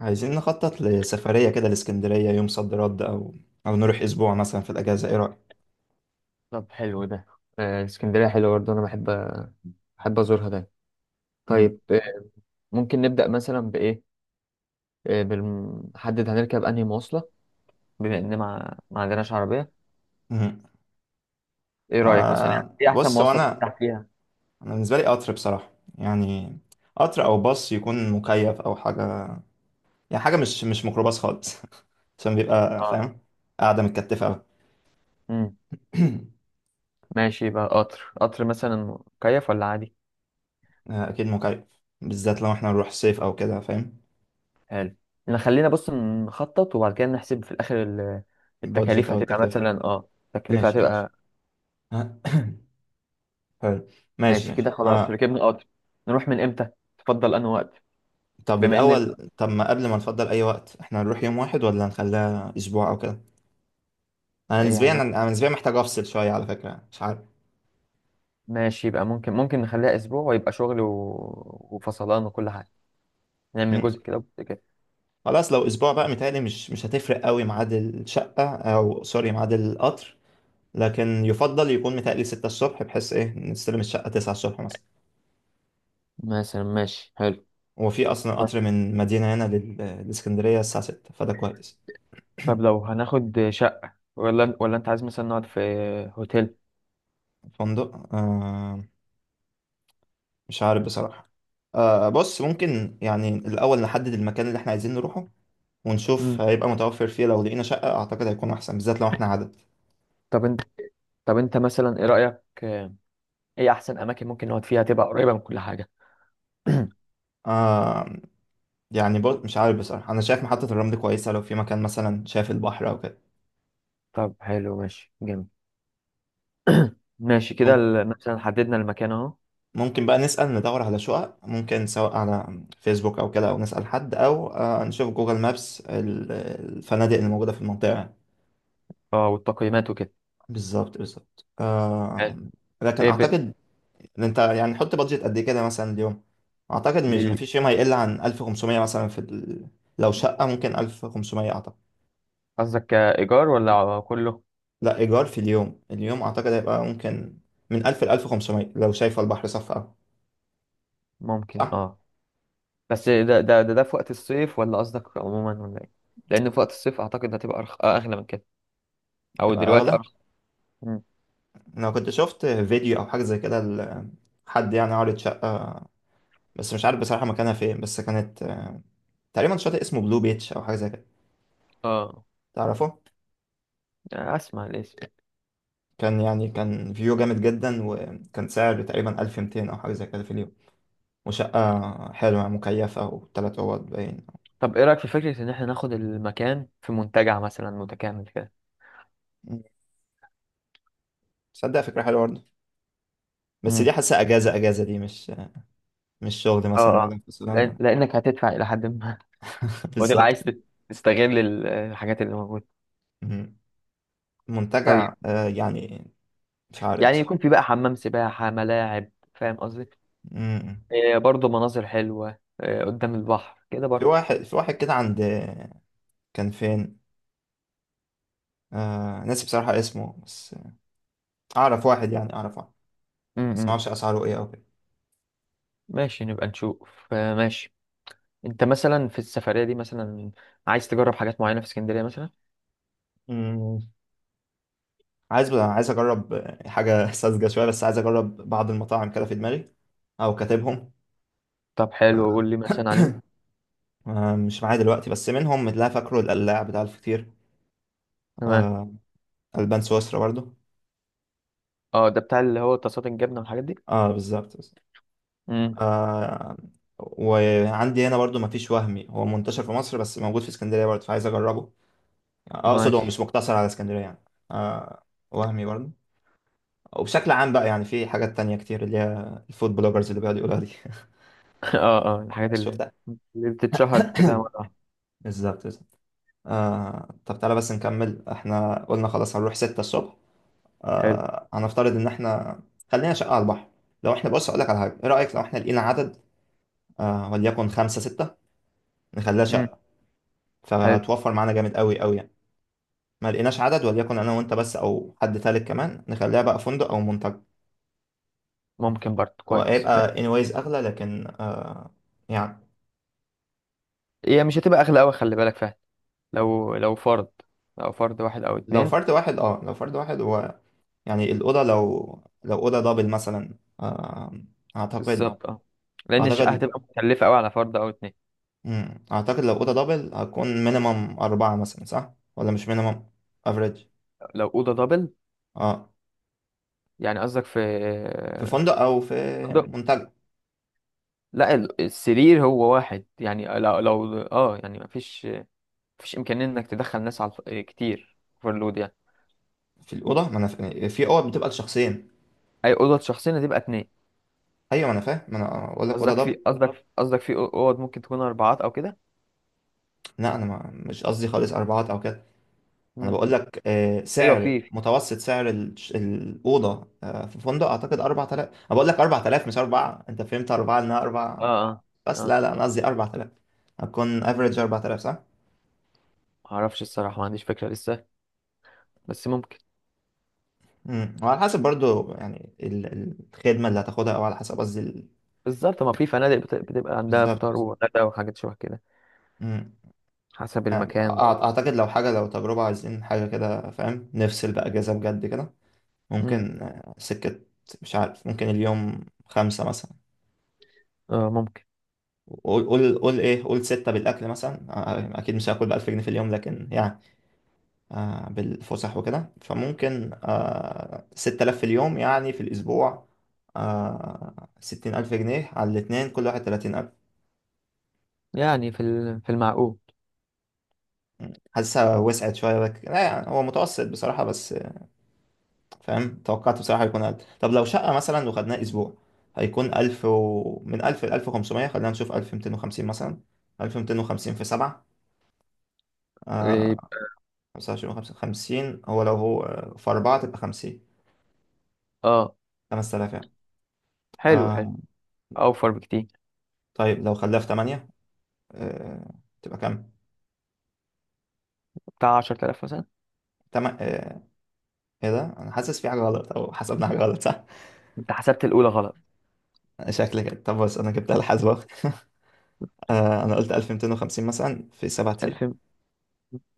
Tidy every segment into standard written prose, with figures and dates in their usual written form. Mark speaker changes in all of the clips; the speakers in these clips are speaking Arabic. Speaker 1: عايزين نخطط لسفرية كده لإسكندرية يوم صد رد أو نروح أسبوع مثلا في الأجازة، إيه رأيك؟
Speaker 2: طب حلو ده. اسكندرية حلوة برضه، أنا بحب أزورها ده. طيب،
Speaker 1: مم.
Speaker 2: ممكن نبدأ مثلا بإيه؟ بنحدد هنركب أنهي مواصلة. بما إن ما عندناش عربية،
Speaker 1: مم.
Speaker 2: إيه رأيك مثلا يعني
Speaker 1: آه،
Speaker 2: إيه أحسن
Speaker 1: بص، هو
Speaker 2: مواصلة
Speaker 1: أنا
Speaker 2: برتاح فيها؟
Speaker 1: أنا بالنسبة لي قطر بصراحة، يعني قطر أو باص يكون مكيف أو حاجة، يعني حاجة مش ميكروباص خالص. عشان بيبقى
Speaker 2: آه.
Speaker 1: فاهم قاعدة متكتفة أوي.
Speaker 2: أمم. ماشي، يبقى قطر قطر مثلا مكيف ولا عادي؟
Speaker 1: آه أكيد مكيف، بالذات لو إحنا نروح صيف أو كده، فاهم؟
Speaker 2: حلو. نخلينا بص نخطط وبعد كده نحسب في الآخر
Speaker 1: بادجت
Speaker 2: التكاليف
Speaker 1: أو
Speaker 2: هتبقى
Speaker 1: التكلفة.
Speaker 2: مثلا، التكلفة
Speaker 1: ماشي ماشي.
Speaker 2: هتبقى.
Speaker 1: حلو، ماشي
Speaker 2: ماشي
Speaker 1: ماشي،
Speaker 2: كده، خلاص
Speaker 1: آه.
Speaker 2: ركبنا قطر. نروح من إمتى؟ تفضل أنهي وقت؟
Speaker 1: طب
Speaker 2: بما إن،
Speaker 1: الأول، طب ما قبل ما نفضل أي وقت احنا هنروح يوم واحد ولا نخليها أسبوع أو كده. أنا نسبيا
Speaker 2: يعني،
Speaker 1: أنا نسبيا محتاج أفصل شوية على فكرة، مش عارف.
Speaker 2: ماشي، يبقى ممكن نخليها اسبوع ويبقى شغل وفصلان وكل حاجه. نعمل
Speaker 1: مم.
Speaker 2: جزء كده وجزء كده
Speaker 1: خلاص، لو أسبوع بقى متهيألي مش هتفرق قوي ميعاد الشقة، أو سوري ميعاد القطر، لكن يفضل يكون متهيألي 6 الصبح بحيث إيه نستلم الشقة 9 الصبح مثلا.
Speaker 2: مثلا. ماشي، حلو.
Speaker 1: هو في أصلا
Speaker 2: طيب.
Speaker 1: قطر من مدينة هنا للإسكندرية الساعة 6، فده كويس.
Speaker 2: طب لو هناخد شقه، ولا انت عايز مثلا نقعد في هوتيل.
Speaker 1: الفندق آه، مش عارف بصراحة. آه، بص، ممكن يعني الأول نحدد المكان اللي احنا عايزين نروحه، ونشوف
Speaker 2: مم.
Speaker 1: هيبقى متوفر فيه. لو لقينا شقة أعتقد هيكون أحسن، بالذات لو إحنا عدد.
Speaker 2: طب انت طب انت مثلا ايه رايك؟ ايه احسن اماكن ممكن نقعد فيها تبقى قريبه من كل حاجه؟
Speaker 1: آه يعني برضه مش عارف بصراحة، أنا شايف محطة الرمل كويسة، لو في مكان مثلا شايف البحر أو كده.
Speaker 2: طب حلو، ماشي، جميل. ماشي كده،
Speaker 1: ممكن
Speaker 2: مثلا حددنا المكان اهو.
Speaker 1: ممكن بقى نسأل، ندور على شقق، ممكن سواء على فيسبوك أو كده، أو نسأل حد، أو آه نشوف جوجل مابس الفنادق اللي موجودة في المنطقة يعني.
Speaker 2: اه، والتقييمات وكده.
Speaker 1: بالظبط بالظبط، آه.
Speaker 2: حلو.
Speaker 1: لكن
Speaker 2: ايه ب...
Speaker 1: أعتقد إن أنت يعني حط بادجت قد إيه كده مثلا اليوم. أعتقد مش
Speaker 2: لل...
Speaker 1: مفيش يوم هيقل عن 1500 مثلا لو شقة ممكن 1500، أعتقد.
Speaker 2: قصدك كايجار ولا كله؟
Speaker 1: لا، إيجار في اليوم أعتقد هيبقى ممكن من 1000 ل 1500 لو شايفة البحر صف أوي.
Speaker 2: ممكن.
Speaker 1: صح؟
Speaker 2: اه، بس ده في وقت الصيف ولا قصدك عموما ولا ايه؟ لان في وقت الصيف اعتقد هتبقى أرخ... آه، اغلى من كده. او
Speaker 1: تبقى
Speaker 2: دلوقتي
Speaker 1: أغلى.
Speaker 2: ارخص. مم.
Speaker 1: لو كنت شفت فيديو أو حاجة زي كده حد يعني عارض شقة، بس مش عارف بصراحة مكانها فين، بس كانت تقريبا شاطئ اسمه بلو بيتش أو حاجة زي كده،
Speaker 2: اه.
Speaker 1: تعرفه؟
Speaker 2: اسمع الاسم.
Speaker 1: كان يعني كان فيو جامد جدا، وكان سعر تقريبا 1200 أو حاجة زي كده في اليوم، وشقة حلوة مكيفة وتلات أوض باين.
Speaker 2: طب ايه رايك في فكره ان احنا ناخد المكان في منتجع مثلا متكامل كده؟
Speaker 1: مم. تصدق فكرة حلوة برضه، بس
Speaker 2: امم.
Speaker 1: دي حاسة أجازة أجازة، دي مش شغل
Speaker 2: اه
Speaker 1: مثلا
Speaker 2: اه.
Speaker 1: ولا فصلان.
Speaker 2: لانك هتدفع الى حد ما. وتبقى
Speaker 1: بالظبط.
Speaker 2: عايز تستغل الحاجات اللي موجوده.
Speaker 1: مم.
Speaker 2: طيب.
Speaker 1: منتجع آه يعني، مش عارف
Speaker 2: يعني يكون في
Speaker 1: بصراحة.
Speaker 2: بقى حمام سباحه، ملاعب، فاهم قصدي؟
Speaker 1: مم.
Speaker 2: إيه برضه، مناظر حلوه، إيه قدام البحر كده
Speaker 1: في
Speaker 2: برضه.
Speaker 1: واحد في واحد كده، عند، كان فين، آه ناسي بصراحة اسمه، بس أعرف واحد، بس
Speaker 2: امم.
Speaker 1: معرفش أسعاره إيه أو كده.
Speaker 2: ماشي نبقى نشوف. ماشي. انت مثلا في السفرية دي مثلا عايز تجرب حاجات معينة في اسكندرية مثلا؟
Speaker 1: مم. عايز أجرب حاجة ساذجة شوية، بس عايز أجرب بعض المطاعم كده في دماغي أو كاتبهم.
Speaker 2: طب حلو، قول لي مثلا عليهم.
Speaker 1: آه مش معايا دلوقتي، بس منهم اللي أنا فاكره القلاع بتاع الفطير.
Speaker 2: تمام.
Speaker 1: آه، ألبان سويسرا برضو.
Speaker 2: اه، ده بتاع اللي هو طاسات الجبنة والحاجات دي.
Speaker 1: اه بالظبط،
Speaker 2: امم.
Speaker 1: آه. وعندي هنا برضو مفيش، وهمي هو منتشر في مصر، بس موجود في اسكندرية برضو فعايز أجربه، يعني أقصد هو
Speaker 2: ماشي.
Speaker 1: مش مقتصر على اسكندرية يعني. آه، وهمي برضو. وبشكل عام بقى يعني في حاجات تانية كتير، اللي هي الفود بلوجرز اللي بيقعدوا يقولوها دي.
Speaker 2: اه اه، الحاجات اللي
Speaker 1: شفتها.
Speaker 2: اللي بتتشهر كده مرة واحدة.
Speaker 1: بالظبط بالظبط. آه، طب تعالى بس نكمل، احنا قلنا خلاص هنروح 6 الصبح.
Speaker 2: حلو.
Speaker 1: آه، هنفترض ان احنا خلينا شقة على البحر. لو احنا، بص اقول لك على حاجة، ايه رأيك لو احنا لقينا عدد، آه وليكن خمسة ستة، نخليها
Speaker 2: امم.
Speaker 1: شقة،
Speaker 2: حلو.
Speaker 1: فتوفر معانا جامد قوي قوي يعني. ما لقيناش عدد، وليكن انا وانت بس او حد تالت كمان، نخليها بقى فندق او منتجع.
Speaker 2: ممكن برضه،
Speaker 1: هو
Speaker 2: كويس،
Speaker 1: هيبقى
Speaker 2: ماشي.
Speaker 1: anyways اغلى، لكن آه يعني.
Speaker 2: هي مش هتبقى اغلى قوي، خلي بالك فعلا. لو فرد، لو فرد واحد او
Speaker 1: لو
Speaker 2: اتنين.
Speaker 1: فرد واحد، اه لو فرد واحد، هو يعني الاوضه، لو اوضه دبل مثلا آه، اعتقد
Speaker 2: بالظبط، اه. لان الشقة
Speaker 1: اعتقد
Speaker 2: هتبقى مكلفة قوي على فرد او اتنين.
Speaker 1: مم. اعتقد لو اوضه دبل هتكون مينيمم اربعه مثلا، صح؟ ولا مش مينيمم، افريج.
Speaker 2: لو أوضة دبل
Speaker 1: اه
Speaker 2: يعني، قصدك في
Speaker 1: في فندق او في
Speaker 2: فندق؟
Speaker 1: منتجع.
Speaker 2: لا، السرير هو واحد يعني. لو يعني مفيش، مفيش امكانيه انك تدخل ناس على كتير، اوفرلود يعني.
Speaker 1: في الاوضه، ما انا ف- في اوض بتبقى لشخصين.
Speaker 2: اي اوضه شخصين هتبقى اتنين.
Speaker 1: ايوه ما انا فاهم، ما انا اقول لك اوضه
Speaker 2: قصدك
Speaker 1: دبل.
Speaker 2: في قصدك قصدك في اوض ممكن تكون اربعات او كده؟
Speaker 1: لا انا ما مش قصدي خالص اربعات او كده. انا
Speaker 2: امم.
Speaker 1: بقول لك
Speaker 2: ايوه،
Speaker 1: سعر
Speaker 2: في.
Speaker 1: متوسط، سعر الاوضه في فندق اعتقد 4000. انا بقول لك 4000 مش 4، انت فهمت 4 انها
Speaker 2: اه
Speaker 1: 4،
Speaker 2: اه
Speaker 1: بس
Speaker 2: اه.
Speaker 1: لا لا انا قصدي 4000. هتكون افريج 4000، صح؟
Speaker 2: معرفش الصراحه، ما عنديش فكره لسه، بس ممكن.
Speaker 1: امم. وعلى حسب برضو يعني الخدمه اللي هتاخدها، او على حسب قصدي ال-.
Speaker 2: بالظبط، ما في فنادق بتبقى عندها
Speaker 1: بالظبط.
Speaker 2: فطار وغدا وحاجات شبه كده.
Speaker 1: امم،
Speaker 2: حسب المكان برضه.
Speaker 1: اعتقد لو تجربه، عايزين حاجه كده فاهم، نفصل بقى اجازه بجد كده.
Speaker 2: امم.
Speaker 1: ممكن سكه. مش عارف، ممكن اليوم خمسة مثلا.
Speaker 2: اه، ممكن،
Speaker 1: قول ايه، قول ستة بالأكل مثلا، أكيد مش هاكل ب1000 جنيه في اليوم لكن يعني بالفسح وكده فممكن 6000 في اليوم، يعني في الأسبوع، 60 ألف جنيه على الاتنين، كل واحد 30 ألف.
Speaker 2: يعني في في المعقول.
Speaker 1: حاسسها وسعت شوية بك لا، يعني هو متوسط بصراحة بس فاهم، توقعت بصراحة يكون أقل. طب لو شقة مثلا وخدناها أسبوع هيكون من ألف لألف وخمسمية، خلينا نشوف 1250 مثلا. 1250 في 7،
Speaker 2: إيه،
Speaker 1: آه، خمسة وعشرين وخمسة خمسين. هو لو هو في أربعة تبقى خمسين.
Speaker 2: اه،
Speaker 1: 5000 يعني.
Speaker 2: حلو حلو.
Speaker 1: آه.
Speaker 2: اوفر بكتير.
Speaker 1: طيب لو خلاها في تمانية، آه، تبقى كام؟
Speaker 2: بتاع 10000 مثلا.
Speaker 1: تم... آه إيه ده؟ أنا حاسس في حاجة غلط، أو حسبنا حاجة غلط، صح؟
Speaker 2: انت حسبت الاولى غلط.
Speaker 1: شكلي كده، طب بص أنا جبتها الحاسبة. آه، أنا قلت 1250 مثلا في 7 أيام
Speaker 2: 2000.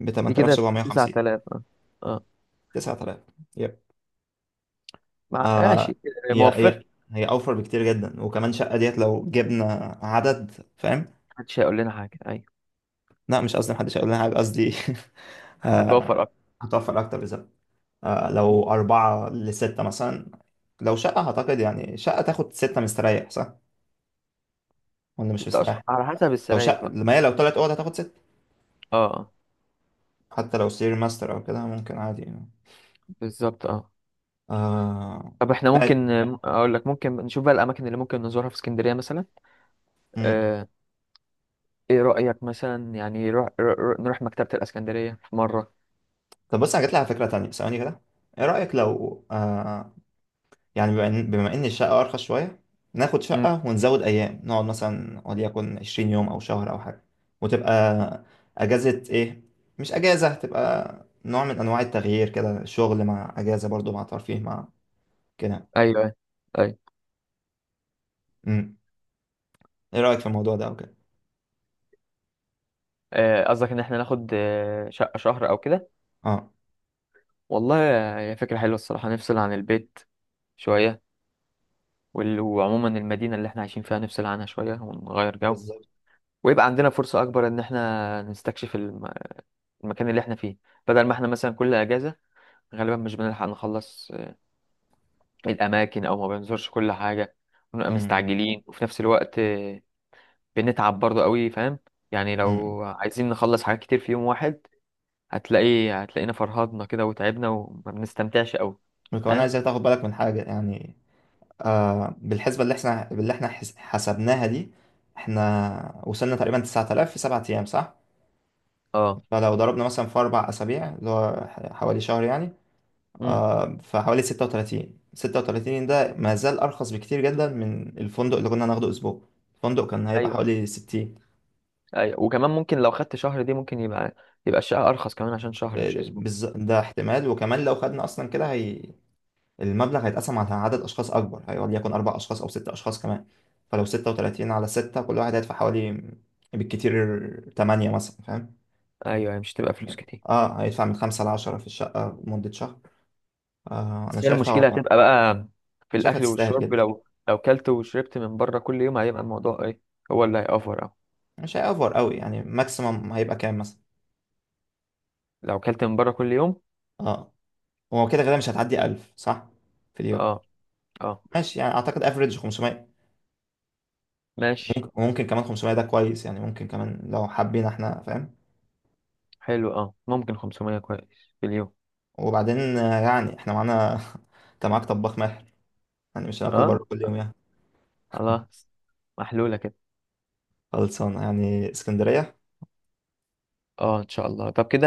Speaker 1: ب
Speaker 2: دي كده تسعة
Speaker 1: 8750،
Speaker 2: آلاف اه. اه.
Speaker 1: 9000، يب، آه.
Speaker 2: ماشي.
Speaker 1: هي
Speaker 2: ما
Speaker 1: هي
Speaker 2: وفرت.
Speaker 1: هي أوفر بكتير جدا، وكمان شقة ديت لو جبنا عدد، فاهم؟
Speaker 2: محدش هيقول لنا حاجه، ايوه.
Speaker 1: لا مش قصدي محدش هيقول لنا حاجة، قصدي آه،
Speaker 2: هتوفر اكتر.
Speaker 1: هتوفر أكتر.
Speaker 2: مم.
Speaker 1: لو أربعة لستة مثلا، لو شقة أعتقد، يعني شقة تاخد ستة مستريح صح؟ ولا مش
Speaker 2: 6 اشهر
Speaker 1: مستريح؟
Speaker 2: على حسب
Speaker 1: لو
Speaker 2: السراير
Speaker 1: شقة
Speaker 2: بقى.
Speaker 1: ما هي لو تلات أوض هتاخد ستة،
Speaker 2: اه.
Speaker 1: حتى لو سرير ماستر أو كده ممكن عادي يعني.
Speaker 2: بالظبط، اه.
Speaker 1: آه.
Speaker 2: طب احنا
Speaker 1: ماشي.
Speaker 2: ممكن، اقول لك، ممكن نشوف بقى الاماكن اللي ممكن نزورها في اسكندريه مثلا.
Speaker 1: مم.
Speaker 2: آه. ايه رايك مثلا يعني نروح مكتبه الاسكندريه في مره؟
Speaker 1: طب بص أنا جاتلي على فكرة تانية ثواني كده، إيه رأيك لو يعني بما إن الشقة أرخص شوية، ناخد
Speaker 2: امم.
Speaker 1: شقة ونزود أيام، نقعد مثلا وليكن 20 يوم أو شهر أو حاجة، وتبقى أجازة، إيه مش أجازة، تبقى نوع من أنواع التغيير كده، شغل مع أجازة برضو مع ترفيه مع كده.
Speaker 2: ايوه ايوه. طيب.
Speaker 1: أمم. إيه رأيك في الموضوع ده أو كده؟
Speaker 2: قصدك ان احنا ناخد شقه شهر او كده؟
Speaker 1: أه
Speaker 2: والله هي فكره حلوه الصراحه، نفصل عن البيت شويه، وعموما المدينة اللي احنا عايشين فيها نفصل عنها شوية ونغير جو.
Speaker 1: بالظبط.
Speaker 2: ويبقى عندنا فرصة أكبر إن احنا نستكشف المكان اللي احنا فيه. بدل ما احنا مثلا كل أجازة غالبا مش بنلحق نخلص الأماكن، أو ما بنزورش كل حاجة، ونبقى
Speaker 1: أمم.
Speaker 2: مستعجلين، وفي نفس الوقت بنتعب برضه قوي، فاهم؟ يعني
Speaker 1: أمم.
Speaker 2: لو عايزين نخلص حاجات كتير في يوم واحد، هتلاقينا فرهضنا كده وتعبنا وما بنستمتعش قوي.
Speaker 1: وكمان
Speaker 2: فاهم.
Speaker 1: عايزك تاخد بالك من حاجة يعني، بالحسبة اللي احنا حسبناها دي، احنا وصلنا تقريبا 9000 في 7 أيام، صح؟
Speaker 2: اه.
Speaker 1: فلو ضربنا مثلا في 4 أسابيع، اللي هو حوالي شهر يعني،
Speaker 2: امم.
Speaker 1: فحوالي ستة وتلاتين. ده ما زال أرخص بكتير جدا من الفندق اللي كنا ناخده أسبوع، الفندق كان هيبقى
Speaker 2: ايوه
Speaker 1: حوالي 60.
Speaker 2: ايوه. وكمان ممكن لو خدت شهر دي، ممكن يبقى الشقة ارخص كمان عشان شهر
Speaker 1: آه،
Speaker 2: مش اسبوع.
Speaker 1: ده احتمال، وكمان لو خدنا أصلا كده، هي المبلغ هيتقسم على عدد أشخاص أكبر، هيقعد يكون أربع أشخاص أو ستة أشخاص كمان. فلو 36 على ستة، كل واحد هيدفع حوالي بالكتير تمانية مثلا، فاهم؟
Speaker 2: ايوه، هي مش تبقى فلوس كتير،
Speaker 1: اه هيدفع من خمسة لعشرة في الشقة لمدة شهر. آه أنا
Speaker 2: بس هي
Speaker 1: شايفها.
Speaker 2: المشكلة
Speaker 1: أنا
Speaker 2: هتبقى بقى في
Speaker 1: شايفها
Speaker 2: الاكل
Speaker 1: تستاهل
Speaker 2: والشرب.
Speaker 1: جدا.
Speaker 2: لو كلت وشربت من بره كل يوم هيبقى الموضوع ايه؟ هو اللي هيأفور اه.
Speaker 1: مش هيأفور قوي يعني، ماكسيمم هيبقى كام مثلا؟
Speaker 2: لو كلت من بره كل يوم.
Speaker 1: اه هو كده غالبا مش هتعدي 1000، صح؟ في اليوم.
Speaker 2: اه اه.
Speaker 1: ماشي يعني، اعتقد افريج 500.
Speaker 2: ماشي.
Speaker 1: ممكن، وممكن كمان 500 ده كويس يعني، ممكن كمان لو حابين احنا فاهم.
Speaker 2: حلو، اه، ممكن 500 كويس في اليوم.
Speaker 1: وبعدين يعني احنا معانا انت معاك طباخ ماهر، يعني مش هناكل
Speaker 2: اه،
Speaker 1: بره كل يوم يعني.
Speaker 2: خلاص. محلولة كده.
Speaker 1: خلصانه يعني اسكندريه.
Speaker 2: اه ان شاء الله. طب كده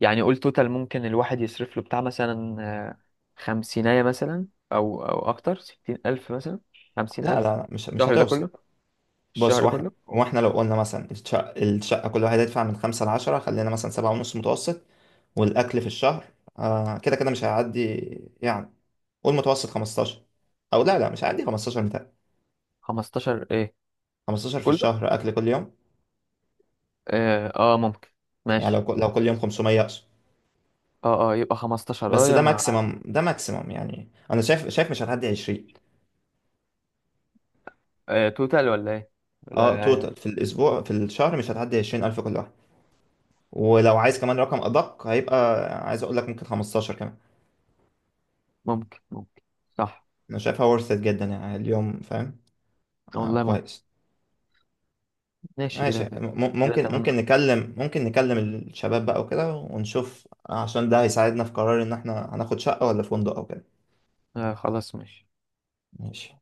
Speaker 2: يعني قول توتال ممكن الواحد يصرف له بتاع مثلا، 500 مثلا. أو أكتر، 60 ألف مثلا. خمسين
Speaker 1: لا
Speaker 2: ألف
Speaker 1: لا مش
Speaker 2: الشهر ده
Speaker 1: هتوصل.
Speaker 2: كله.
Speaker 1: بص
Speaker 2: الشهر
Speaker 1: واحنا
Speaker 2: كله.
Speaker 1: واحنا لو قلنا مثلا الشقه، كل واحد يدفع من خمسة لعشرة، خلينا مثلا سبعة ونص متوسط، والأكل في الشهر. آه كده كده مش هيعدي يعني، قول متوسط 15، او لا لا مش عندي 15 متاع،
Speaker 2: 15 إيه؟
Speaker 1: 15 في
Speaker 2: كله.
Speaker 1: الشهر اكل كل يوم
Speaker 2: ممكن.
Speaker 1: يعني،
Speaker 2: ماشي.
Speaker 1: لو كل يوم 500 اقصد.
Speaker 2: يبقى 15
Speaker 1: بس
Speaker 2: يا
Speaker 1: ده
Speaker 2: مع.
Speaker 1: ماكسيمم ده ماكسيمم يعني انا شايف مش هتعدي 20.
Speaker 2: توتال ولا إيه؟
Speaker 1: اه
Speaker 2: ولا
Speaker 1: توتال في الاسبوع، في الشهر مش هتعدي 20000 كل واحد. ولو عايز كمان رقم ادق هيبقى، عايز اقول لك ممكن 15 كمان.
Speaker 2: ممكن ممكن، صح.
Speaker 1: انا شايفها ورثت جدا يعني اليوم، فاهم؟ آه،
Speaker 2: والله ممكن.
Speaker 1: كويس.
Speaker 2: ماشي
Speaker 1: ماشي،
Speaker 2: كده. كده
Speaker 1: ممكن ممكن
Speaker 2: تمام.
Speaker 1: نكلم ممكن نكلم الشباب بقى وكده، ونشوف، عشان ده هيساعدنا في قرار ان احنا هناخد شقة ولا فندق او كده.
Speaker 2: خلاص ماشي.
Speaker 1: ماشي.